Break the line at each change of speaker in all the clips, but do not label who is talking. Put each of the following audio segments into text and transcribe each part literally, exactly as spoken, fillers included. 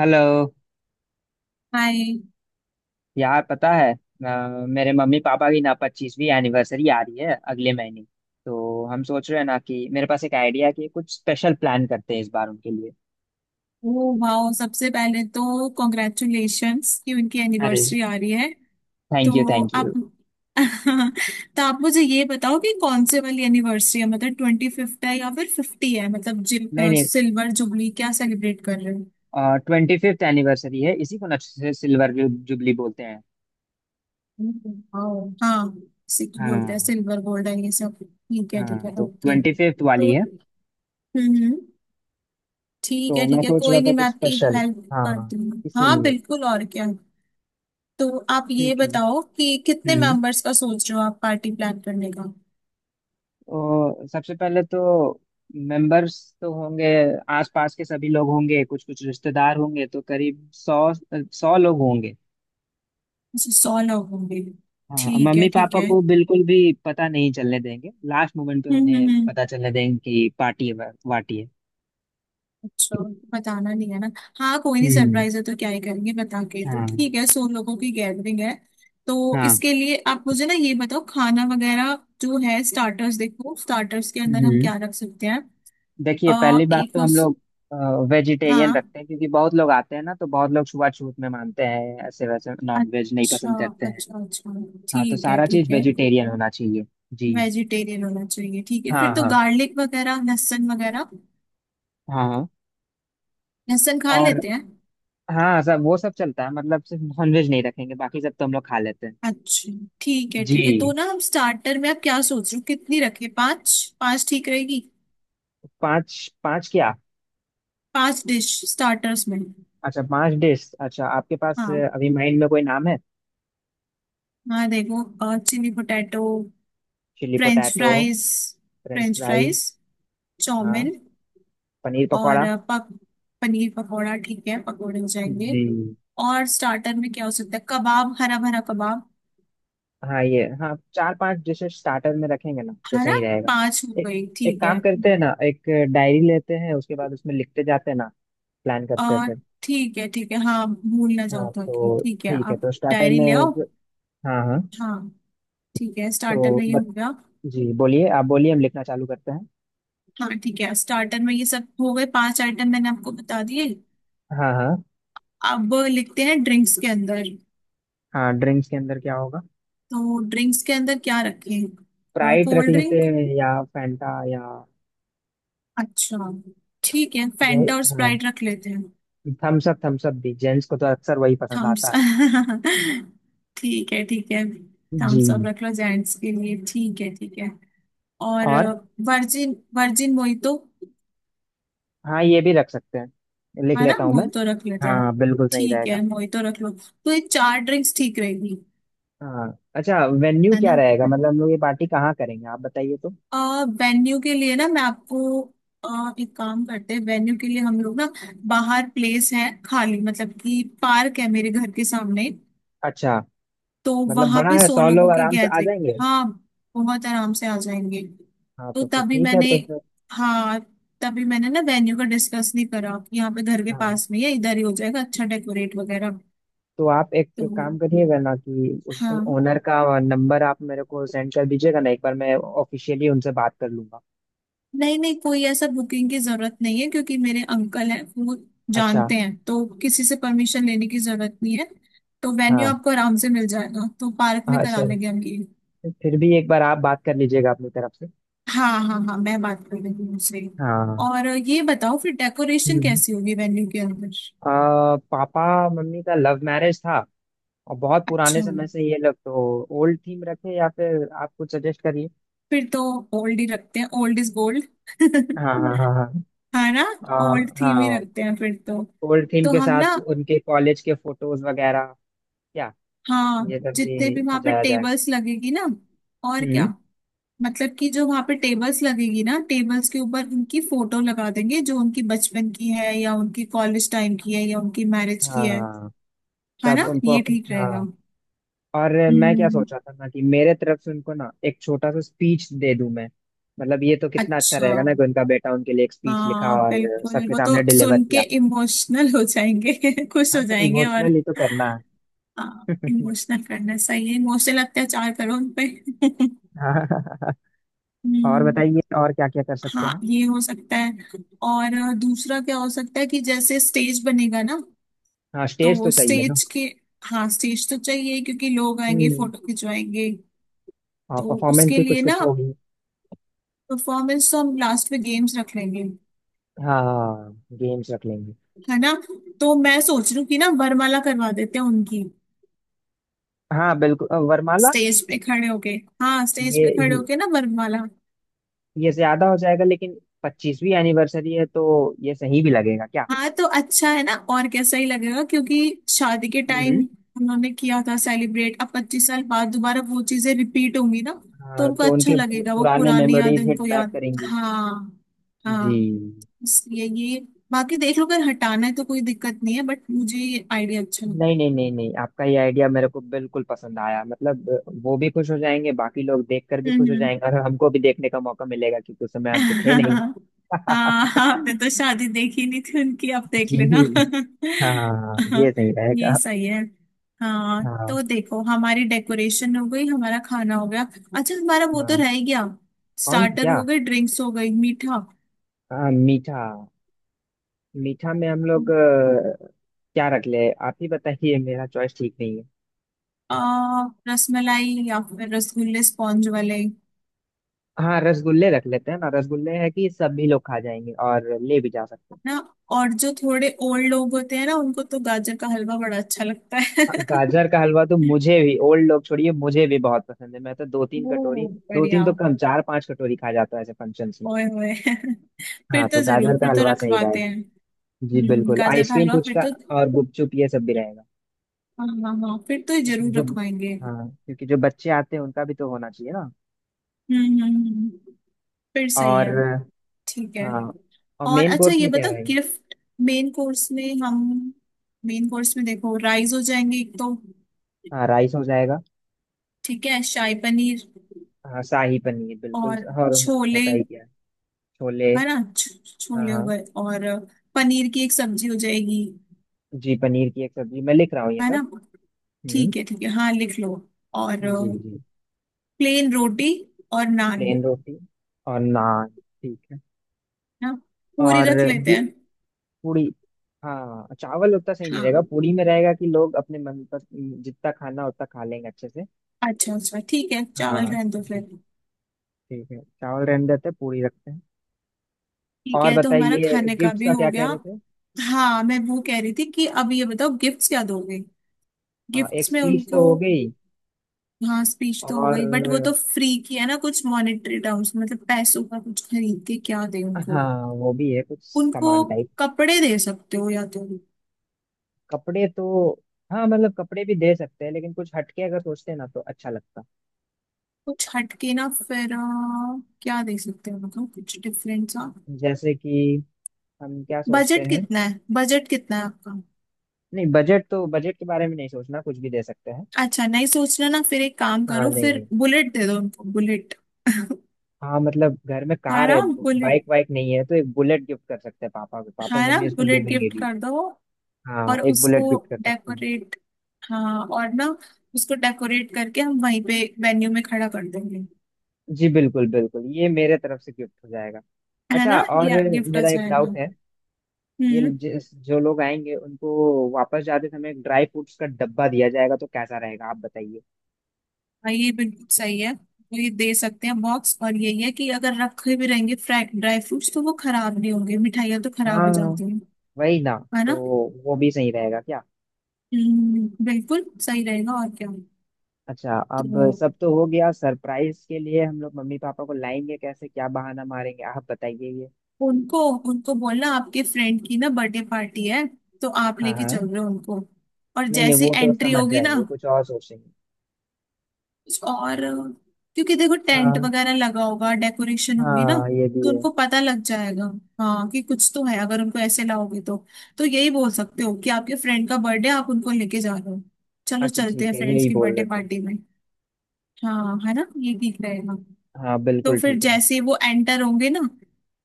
Hello.
Hi.
यार पता है अ, मेरे मम्मी पापा की ना पच्चीसवीं एनिवर्सरी आ रही है अगले महीने। तो हम सोच रहे हैं ना कि मेरे पास एक आइडिया है कि कुछ स्पेशल प्लान करते हैं इस बार उनके लिए।
ओ वाओ, सबसे पहले तो कॉन्ग्रेचुलेशंस कि उनकी
अरे,
एनिवर्सरी आ रही है।
थैंक यू
तो
थैंक
आप
यू।
तो आप मुझे ये बताओ कि कौन से वाली एनिवर्सरी है, मतलब ट्वेंटी फिफ्थ है या फिर फिफ्टी है, मतलब जिल,
नहीं नहीं।
सिल्वर जुबली क्या सेलिब्रेट कर रहे हो।
ट्वेंटी फिफ्थ एनिवर्सरी है, इसी को ना सिल्वर जुबली बोलते हैं।
वाओ हाँ, सिख बोलते हैं
हाँ
सिल्वर गोल्ड है, ये सब ठीक है ठीक
हाँ,
है,
तो
ओके।
ट्वेंटी फिफ्थ वाली
तो
है।
हम्म हम्म, ठीक
तो
है
मैं
ठीक है,
सोच रहा
कोई
था
नहीं, मैं
कुछ
आपकी
स्पेशल।
हेल्प
हाँ,
करती हूँ। हाँ
इसीलिए।
बिल्कुल, और क्या। तो आप ये
ठीक है।
बताओ कि कितने
हम्म
मेंबर्स का सोच रहे हो आप पार्टी प्लान करने का।
तो सबसे पहले तो मेंबर्स तो होंगे। आसपास के सभी लोग होंगे, कुछ कुछ रिश्तेदार होंगे, तो करीब सौ सौ लोग होंगे।
अच्छा, सौ लोग होंगे।
हाँ,
ठीक
मम्मी
है ठीक
पापा
है।
को बिल्कुल भी पता नहीं चलने देंगे, लास्ट मोमेंट पे
हम्म हम्म
उन्हें
हम्म।
पता चलने देंगे कि पार्टी है वार्टी है।
अच्छा, बताना नहीं है ना। हाँ कोई नहीं,
हम्म।
सरप्राइज है तो क्या ही करेंगे बता के, तो
हाँ
ठीक है, सौ लोगों की गैदरिंग है। तो
हाँ।
इसके लिए आप मुझे ना ये बताओ, खाना वगैरह जो है, स्टार्टर्स देखो, स्टार्टर्स के अंदर हम
हम्म।
क्या रख सकते हैं।
देखिए
अ
पहली बात
एक
तो हम
उस।
लोग वेजिटेरियन
हाँ।
रखते हैं क्योंकि बहुत लोग आते हैं ना, तो बहुत लोग छुआछूत में मानते हैं, ऐसे वैसे नॉन वेज नहीं
अच्छा।
पसंद करते हैं।
अच्छा अच्छा।
हाँ, तो
ठीक है
सारा
ठीक
चीज
है।
वेजिटेरियन होना चाहिए। जी।
वेजिटेरियन होना चाहिए, ठीक है, फिर
हाँ
तो
हाँ
गार्लिक वगैरह, लहसुन वगैरह,
हाँ।
लहसुन खा
और
लेते हैं।
हाँ सब वो सब चलता है, मतलब सिर्फ नॉनवेज नहीं रखेंगे, बाकी सब तो हम लोग खा लेते हैं।
अच्छा, ठीक है ठीक है, तो
जी।
ना हम स्टार्टर में आप क्या सोच रहे हो, कितनी रखें, पाँच? पाँच ठीक रहेगी?
पांच। पांच क्या?
पांच डिश स्टार्टर्स में।
अच्छा पांच डिश। अच्छा आपके पास
हाँ
अ, अभी माइंड में कोई नाम है?
हाँ, देखो, chilli potato,
chilli
french
potato.
Fries,
french
french fries,
fries. हाँ,
चाउमिन,
पनीर
और
पकौड़ा।
अ, पक पनीर पकौड़ा, ठीक है, पकौड़े हो जाएंगे,
जी।
और स्टार्टर में क्या हो सकता है, कबाब, हरा भरा कबाब।
हाँ ये, हाँ चार पांच डिशेस स्टार्टर में रखेंगे ना तो
हरा
सही रहेगा।
पांच हो
एक
गई,
एक
ठीक
काम
है।
करते हैं ना, एक डायरी लेते हैं, उसके बाद उसमें लिखते जाते हैं ना, प्लान करते हैं
आ,
फिर।
ठीक है ठीक है, हाँ भूल ना जाओ
हाँ,
ताकि,
तो
ठीक है,
ठीक है
आप
तो स्टार्टर
डायरी ले आओ।
में। हाँ हाँ
हाँ, ठीक है, स्टार्टर में ये
तो
हो गया।
जी, बोलिए आप, बोलिए हम लिखना चालू करते हैं।
हाँ ठीक है, स्टार्टर में ये सब हो गए, पांच आइटम मैंने आपको बता दिए।
हाँ हाँ।
अब लिखते हैं ड्रिंक्स के अंदर।
हाँ ड्रिंक्स के अंदर क्या होगा?
तो ड्रिंक्स के अंदर क्या रखें,
स्प्राइट रख
कोल्ड
लेते
ड्रिंक।
हैं या फैंटा या
अच्छा, ठीक है,
ये।
फैंटा और
हाँ
स्प्राइट रख लेते हैं।
थम्स अप, थम्स अप भी जेंट्स को तो अक्सर वही पसंद आता
थम्स
है।
ठीक है ठीक है,
जी।
थम्स अप रख लो जेंट्स के लिए, ठीक है ठीक है। और
और
वर्जिन वर्जिन मोहितो,
हाँ, ये भी रख सकते हैं, लिख
है ना,
लेता हूँ मैं।
मोहितो रख लेते हैं।
हाँ बिल्कुल सही
ठीक
रहेगा।
है, मोहितो रख लो। तो ये चार ड्रिंक्स ठीक रहेगी,
हाँ। अच्छा वेन्यू
है
क्या
ना।
रहेगा, मतलब हम लोग ये पार्टी कहाँ करेंगे आप बताइए तो।
आ, वेन्यू के लिए ना मैं आपको अ, एक काम करते हैं, वेन्यू के लिए हम लोग ना, बाहर प्लेस है खाली, मतलब कि पार्क है मेरे घर के सामने,
अच्छा
तो
मतलब
वहां
बड़ा
पे
है,
सौ
सौ
लोगों
लोग
की
आराम से आ
गैदरिंग।
जाएंगे।
हाँ, बहुत आराम से आ जाएंगे।
हाँ
तो
तो फिर
तभी
ठीक है।
मैंने
तो फिर
हाँ, तभी मैंने ना वेन्यू का डिस्कस नहीं करा, यहाँ पे घर के
हाँ,
पास में या इधर ही हो जाएगा। अच्छा डेकोरेट वगैरह,
तो आप एक
तो
काम करिएगा ना कि उस
हाँ।
ओनर का नंबर आप मेरे को सेंड कर दीजिएगा ना, एक बार मैं ऑफिशियली उनसे बात कर लूंगा।
नहीं नहीं, कोई ऐसा बुकिंग की जरूरत नहीं है, क्योंकि मेरे अंकल हैं, वो
अच्छा।
जानते हैं, तो किसी से परमिशन लेने की जरूरत नहीं है, तो वेन्यू
हाँ
आपको आराम से मिल जाएगा, तो पार्क में
हाँ
करा
सर,
लेंगे हम ये।
फिर भी एक बार आप बात कर लीजिएगा अपनी तरफ से।
हाँ हाँ हाँ, मैं बात कर रही हूँ उनसे।
हाँ।
और ये बताओ फिर डेकोरेशन
हम्म।
कैसी होगी वेन्यू के अंदर।
आ, पापा मम्मी का लव मैरिज था और बहुत
अच्छा,
पुराने समय से ये लव, तो ओल्ड थीम रखें या फिर आप कुछ सजेस्ट करिए।
फिर तो ओल्ड ही रखते हैं, ओल्ड इज गोल्ड।
हाँ हाँ हाँ हाँ।
है ना, ओल्ड
आ,
थीम ही
हाँ
रखते हैं फिर तो।
ओल्ड थीम
तो
के
हम ना,
साथ उनके कॉलेज के फोटोज वगैरह। क्या
हाँ,
ये सब
जितने
भी
भी वहां पे
सजाया जाएगा?
टेबल्स लगेगी ना, और क्या,
हम्म।
मतलब कि जो वहां पे टेबल्स लगेगी ना, टेबल्स के ऊपर उनकी फोटो लगा देंगे, जो उनकी बचपन की है या उनकी कॉलेज टाइम की है या उनकी मैरिज की है
हाँ
है ना,
तब उनको।
ये ठीक
हाँ
रहेगा।
और मैं क्या
हम्म।
सोच रहा था ना कि मेरे तरफ से उनको ना एक छोटा सा स्पीच दे दूं मैं। मतलब ये तो कितना अच्छा
अच्छा,
रहेगा ना कि उनका बेटा उनके लिए एक स्पीच लिखा
हाँ
और
बिल्कुल,
सबके
वो तो
सामने डिलीवर
सुन के
किया।
इमोशनल हो जाएंगे। खुश हो
हाँ तो
जाएंगे और
इमोशनली तो करना
हाँ,
है।
इमोशनल करना सही है, इमोशनल अत्याचार करो उन पे।
हाँ और
हम्म।
बताइए और क्या क्या कर सकते
हाँ
हैं?
ये हो सकता है, और दूसरा क्या हो सकता है, कि जैसे स्टेज बनेगा ना,
हाँ स्टेज तो
तो
चाहिए ना।
स्टेज के हाँ स्टेज तो चाहिए, क्योंकि लोग आएंगे
हम्म।
फोटो खिंचवाएंगे,
हाँ
तो
परफॉर्मेंस
उसके
भी कुछ
लिए ना,
कुछ होगी।
परफॉर्मेंस तो हम लास्ट में, गेम्स रख लेंगे,
हाँ गेम्स रख लेंगे।
है ना, तो मैं सोच रही हूँ कि ना वरमाला करवा देते हैं उनकी,
हाँ बिल्कुल अ, वरमाला।
स्टेज पे खड़े होके। हाँ, स्टेज
ये
पे खड़े होके ना वरमाला।
ये ज्यादा हो जाएगा लेकिन पच्चीसवीं एनिवर्सरी है तो ये सही भी लगेगा क्या?
हाँ तो अच्छा है ना, और कैसा ही लगेगा, क्योंकि शादी के टाइम
हम्म।
उन्होंने किया था सेलिब्रेट, अब पच्चीस साल बाद दोबारा वो चीजें रिपीट होंगी ना, तो
हाँ
उनको
तो
अच्छा
उनके पु-
लगेगा, वो
पुराने
पुरानी यादें
मेमोरीज हिट
उनको
बैक
याद।
करेंगी।
हाँ,
जी।
हाँ। इसलिए ये, बाकी देख लो, अगर हटाना है तो कोई दिक्कत नहीं है, बट मुझे ये आइडिया अच्छा
नहीं
लगता
नहीं नहीं नहीं, आपका ये आइडिया मेरे को बिल्कुल पसंद आया। मतलब अ, वो भी खुश हो जाएंगे, बाकी लोग देखकर भी
है।
खुश हो
हम्म।
जाएंगे और हमको भी देखने का मौका मिलेगा क्योंकि उस समय हम तो थे
है
नहीं।
हाँ आपने तो शादी देखी नहीं थी उनकी, आप देख लेना।
जी। हाँ ये सही
ये
रहेगा।
सही है। हाँ,
हाँ
तो देखो, हमारी डेकोरेशन हो गई, हमारा खाना हो गया। अच्छा, हमारा वो तो
हाँ,
रह ही गया,
कौन
स्टार्टर
क्या?
हो गए, ड्रिंक्स हो गई, मीठा।
हाँ, मीठा। मीठा में हम लोग
हम्म।
अ, क्या रख ले, आप ही बताइए, मेरा चॉइस ठीक नहीं।
आ, रसमलाई या फिर रसगुल्ले, स्पॉन्ज वाले
हाँ रसगुल्ले रख लेते हैं ना, रसगुल्ले है कि सभी लोग खा जाएंगे और ले भी जा सकते हैं।
ना। और जो थोड़े ओल्ड लोग होते हैं ना, उनको तो गाजर का हलवा बड़ा अच्छा लगता
हाँ,
है।
गाजर का हलवा तो मुझे भी, ओल्ड लोग छोड़िए, मुझे भी बहुत पसंद है, मैं तो दो तीन कटोरी,
ओ
दो तीन
बढ़िया।
तो कम, चार पांच कटोरी खा जाता है ऐसे फंक्शंस में।
ओए होए फिर
हाँ तो
तो जरूर,
गाजर का
फिर तो
हलवा सही
रखवाते हैं।
रहेगा। जी
हम्म,
बिल्कुल।
गाजर का
आइसक्रीम,
हलवा फिर
पुचका
तो।
और गुपचुप ये सब भी रहेगा।
हाँ हाँ हाँ, फिर तो
क्योंकि
जरूर
जो
रखवाएंगे। हम्म
हाँ क्योंकि जो बच्चे आते हैं उनका भी तो होना चाहिए ना।
हम्म हम्म, हम्म, फिर सही
और
है। ठीक है।
हाँ, और
और
मेन
अच्छा
कोर्स
ये
में क्या
बताओ,
रहेगा?
गिफ्ट। मेन कोर्स में हम मेन कोर्स में देखो, राइस हो जाएंगे एक तो,
हाँ राइस हो जाएगा।
ठीक है, शाही पनीर,
हाँ शाही पनीर बिल्कुल।
और
और
छोले,
होता ही क्या है, छोले।
है ना, छ-
हाँ
छोले हो
हाँ।
गए, और पनीर की एक सब्जी हो जाएगी,
जी पनीर की एक सब्जी मैं लिख रहा हूँ ये
है ना।
सब। हम्म।
ठीक है ठीक है, हाँ लिख लो। और
जी जी।
प्लेन रोटी और नान, है
प्लेन रोटी और नान। ठीक है।
ना, पूरी
और
रख लेते
ये
हैं।
पूड़ी? हाँ चावल उतना सही नहीं
हाँ,
रहेगा, पूड़ी में रहेगा कि लोग अपने मन पर जितना खाना उतना खा लेंगे अच्छे से।
अच्छा अच्छा, ठीक है, चावल
हाँ
रहने दो
ठीक
फिर।
है। ठीक है, चावल रहने देते हैं, पूड़ी रखते हैं।
ठीक
और
है, तो हमारा
बताइए
खाने का
गिफ्ट
भी
का
हो
क्या कह
गया।
रहे थे?
हाँ, मैं वो कह रही थी कि अब ये बताओ गिफ्ट्स क्या दोगे,
हाँ एक
गिफ्ट्स में
स्पीच तो
उनको।
हो गई।
हाँ स्पीच तो हो
और
गई, बट वो तो फ्री की है ना, कुछ मॉनेटरी टर्म्स, मतलब पैसों का कुछ खरीद के क्या दे उनको।
हाँ वो भी है, कुछ
उनको
सामान टाइप।
कपड़े दे सकते हो या तो।
कपड़े तो हाँ, मतलब कपड़े भी दे सकते हैं लेकिन कुछ हटके अगर सोचते हैं ना तो अच्छा लगता है।
कुछ हटके ना फिर, अ, क्या दे सकते हो, मतलब कुछ डिफरेंट सा।
जैसे कि हम क्या सोचते
बजट
हैं।
कितना है, बजट कितना है आपका।
नहीं, बजट तो बजट के बारे में नहीं सोचना, कुछ भी दे सकते हैं।
अच्छा, नहीं सोचना ना, फिर एक काम
हाँ
करो,
नहीं
फिर
नहीं।
बुलेट दे दो उनको, बुलेट।
हाँ मतलब घर में
हाँ
कार
ना
है,
बुलेट
बाइक वाइक नहीं है, तो एक बुलेट गिफ्ट कर सकते हैं पापा को। पापा
हाँ ना,
मम्मी उस पर
बुलेट
घूमेंगे
गिफ्ट
भी।
कर दो।
हाँ
और
एक
उसको
बुलेट गिफ्ट कर सकती हैं।
डेकोरेट, हाँ और ना, उसको डेकोरेट करके हम वहीं पे वेन्यू में खड़ा कर देंगे,
जी बिल्कुल बिल्कुल, ये मेरे तरफ से गिफ्ट हो जाएगा।
है
अच्छा
ना,
और
या गिफ्ट हो
मेरा एक
जाएगा।
डाउट है। ये
हम्म।
जिस जो लोग आएंगे उनको वापस जाते समय एक ड्राई फ्रूट्स का डब्बा दिया जाएगा तो कैसा रहेगा आप बताइए।
हाँ, ये बिल्कुल सही है, तो ये दे सकते हैं बॉक्स, और यही है कि अगर रखे भी रहेंगे फ्राई ड्राई फ्रूट्स तो वो खराब नहीं होंगे, मिठाइयाँ तो खराब
हाँ
हो जाती हैं,
वही ना।
है
तो
ना।
वो भी सही रहेगा क्या?
हम्म, बिल्कुल सही रहेगा, और क्या।
अच्छा
तो
अब सब तो हो गया। सरप्राइज के लिए हम लोग मम्मी पापा को लाएंगे कैसे, क्या बहाना मारेंगे आप बताइए ये।
उनको, उनको बोलना आपके फ्रेंड की ना बर्थडे पार्टी है, तो आप
हाँ
लेके
हाँ।
चल रहे हो उनको, और
नहीं नहीं
जैसी
वो तो
एंट्री
समझ
होगी ना,
जाएंगे, कुछ और सोचेंगे।
और क्योंकि देखो टेंट
हाँ
वगैरह लगा होगा, डेकोरेशन होगी ना,
हाँ ये भी
तो
है।
उनको पता लग जाएगा, हाँ, कि कुछ तो है अगर उनको ऐसे लाओगे तो। तो यही बोल सकते हो कि आपके फ्रेंड का बर्थडे, आप उनको लेके जा रहे हो, चलो
अच्छा
चलते
ठीक
हैं
है,
फ्रेंड्स
यही
की
बोल
बर्थडे
देते हैं।
पार्टी में। हाँ है ना, ये ठीक रहेगा।
हाँ
तो
बिल्कुल
फिर
ठीक रहेगा।
जैसे ही वो एंटर होंगे ना,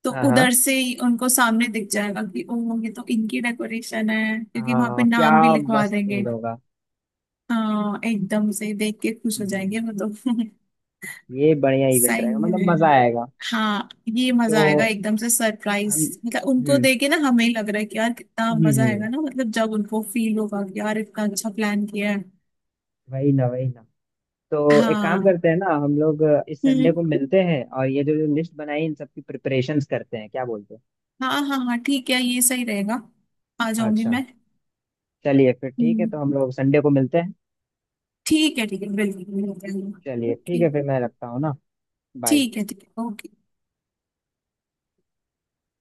तो
हाँ
उधर
हाँ।
से ही उनको सामने दिख जाएगा कि ओ ये तो इनकी डेकोरेशन है, क्योंकि वहां पे
हाँ क्या
नाम भी लिखवा
मस्त
देंगे।
सीन होगा।
हाँ एकदम से देख के खुश हो
जी।
जाएंगे वो तो।
ये बढ़िया इवेंट
सही
रहेगा, मतलब मजा
में।
आएगा।
हाँ, ये
तो
मजा आएगा, एकदम से
हम।
सरप्राइज, मतलब उनको
हम्म
देख के ना हमें ही लग रहा है कि यार कितना
हम्म
मजा
हम्म,
आएगा ना, मतलब जब उनको फील होगा कि यार इतना अच्छा प्लान किया है।
वही ना वही ना। तो एक काम
हाँ।
करते हैं ना हम लोग अ, इस संडे
हम्म।
को मिलते हैं और ये जो जो लिस्ट बनाई इन सब की प्रिपरेशंस करते हैं, क्या बोलते हो?
हाँ हाँ हाँ, ठीक है, ये सही रहेगा, आ जाऊंगी
अच्छा।
मैं।
चलिए फिर ठीक है,
हम्म,
तो हम लोग संडे को मिलते हैं।
ठीक है ठीक है, बिल्कुल बिल्कुल।
चलिए ठीक
ओके।
है, फिर मैं रखता हूँ ना। बाय।
ठीक है ठीक है, ओके।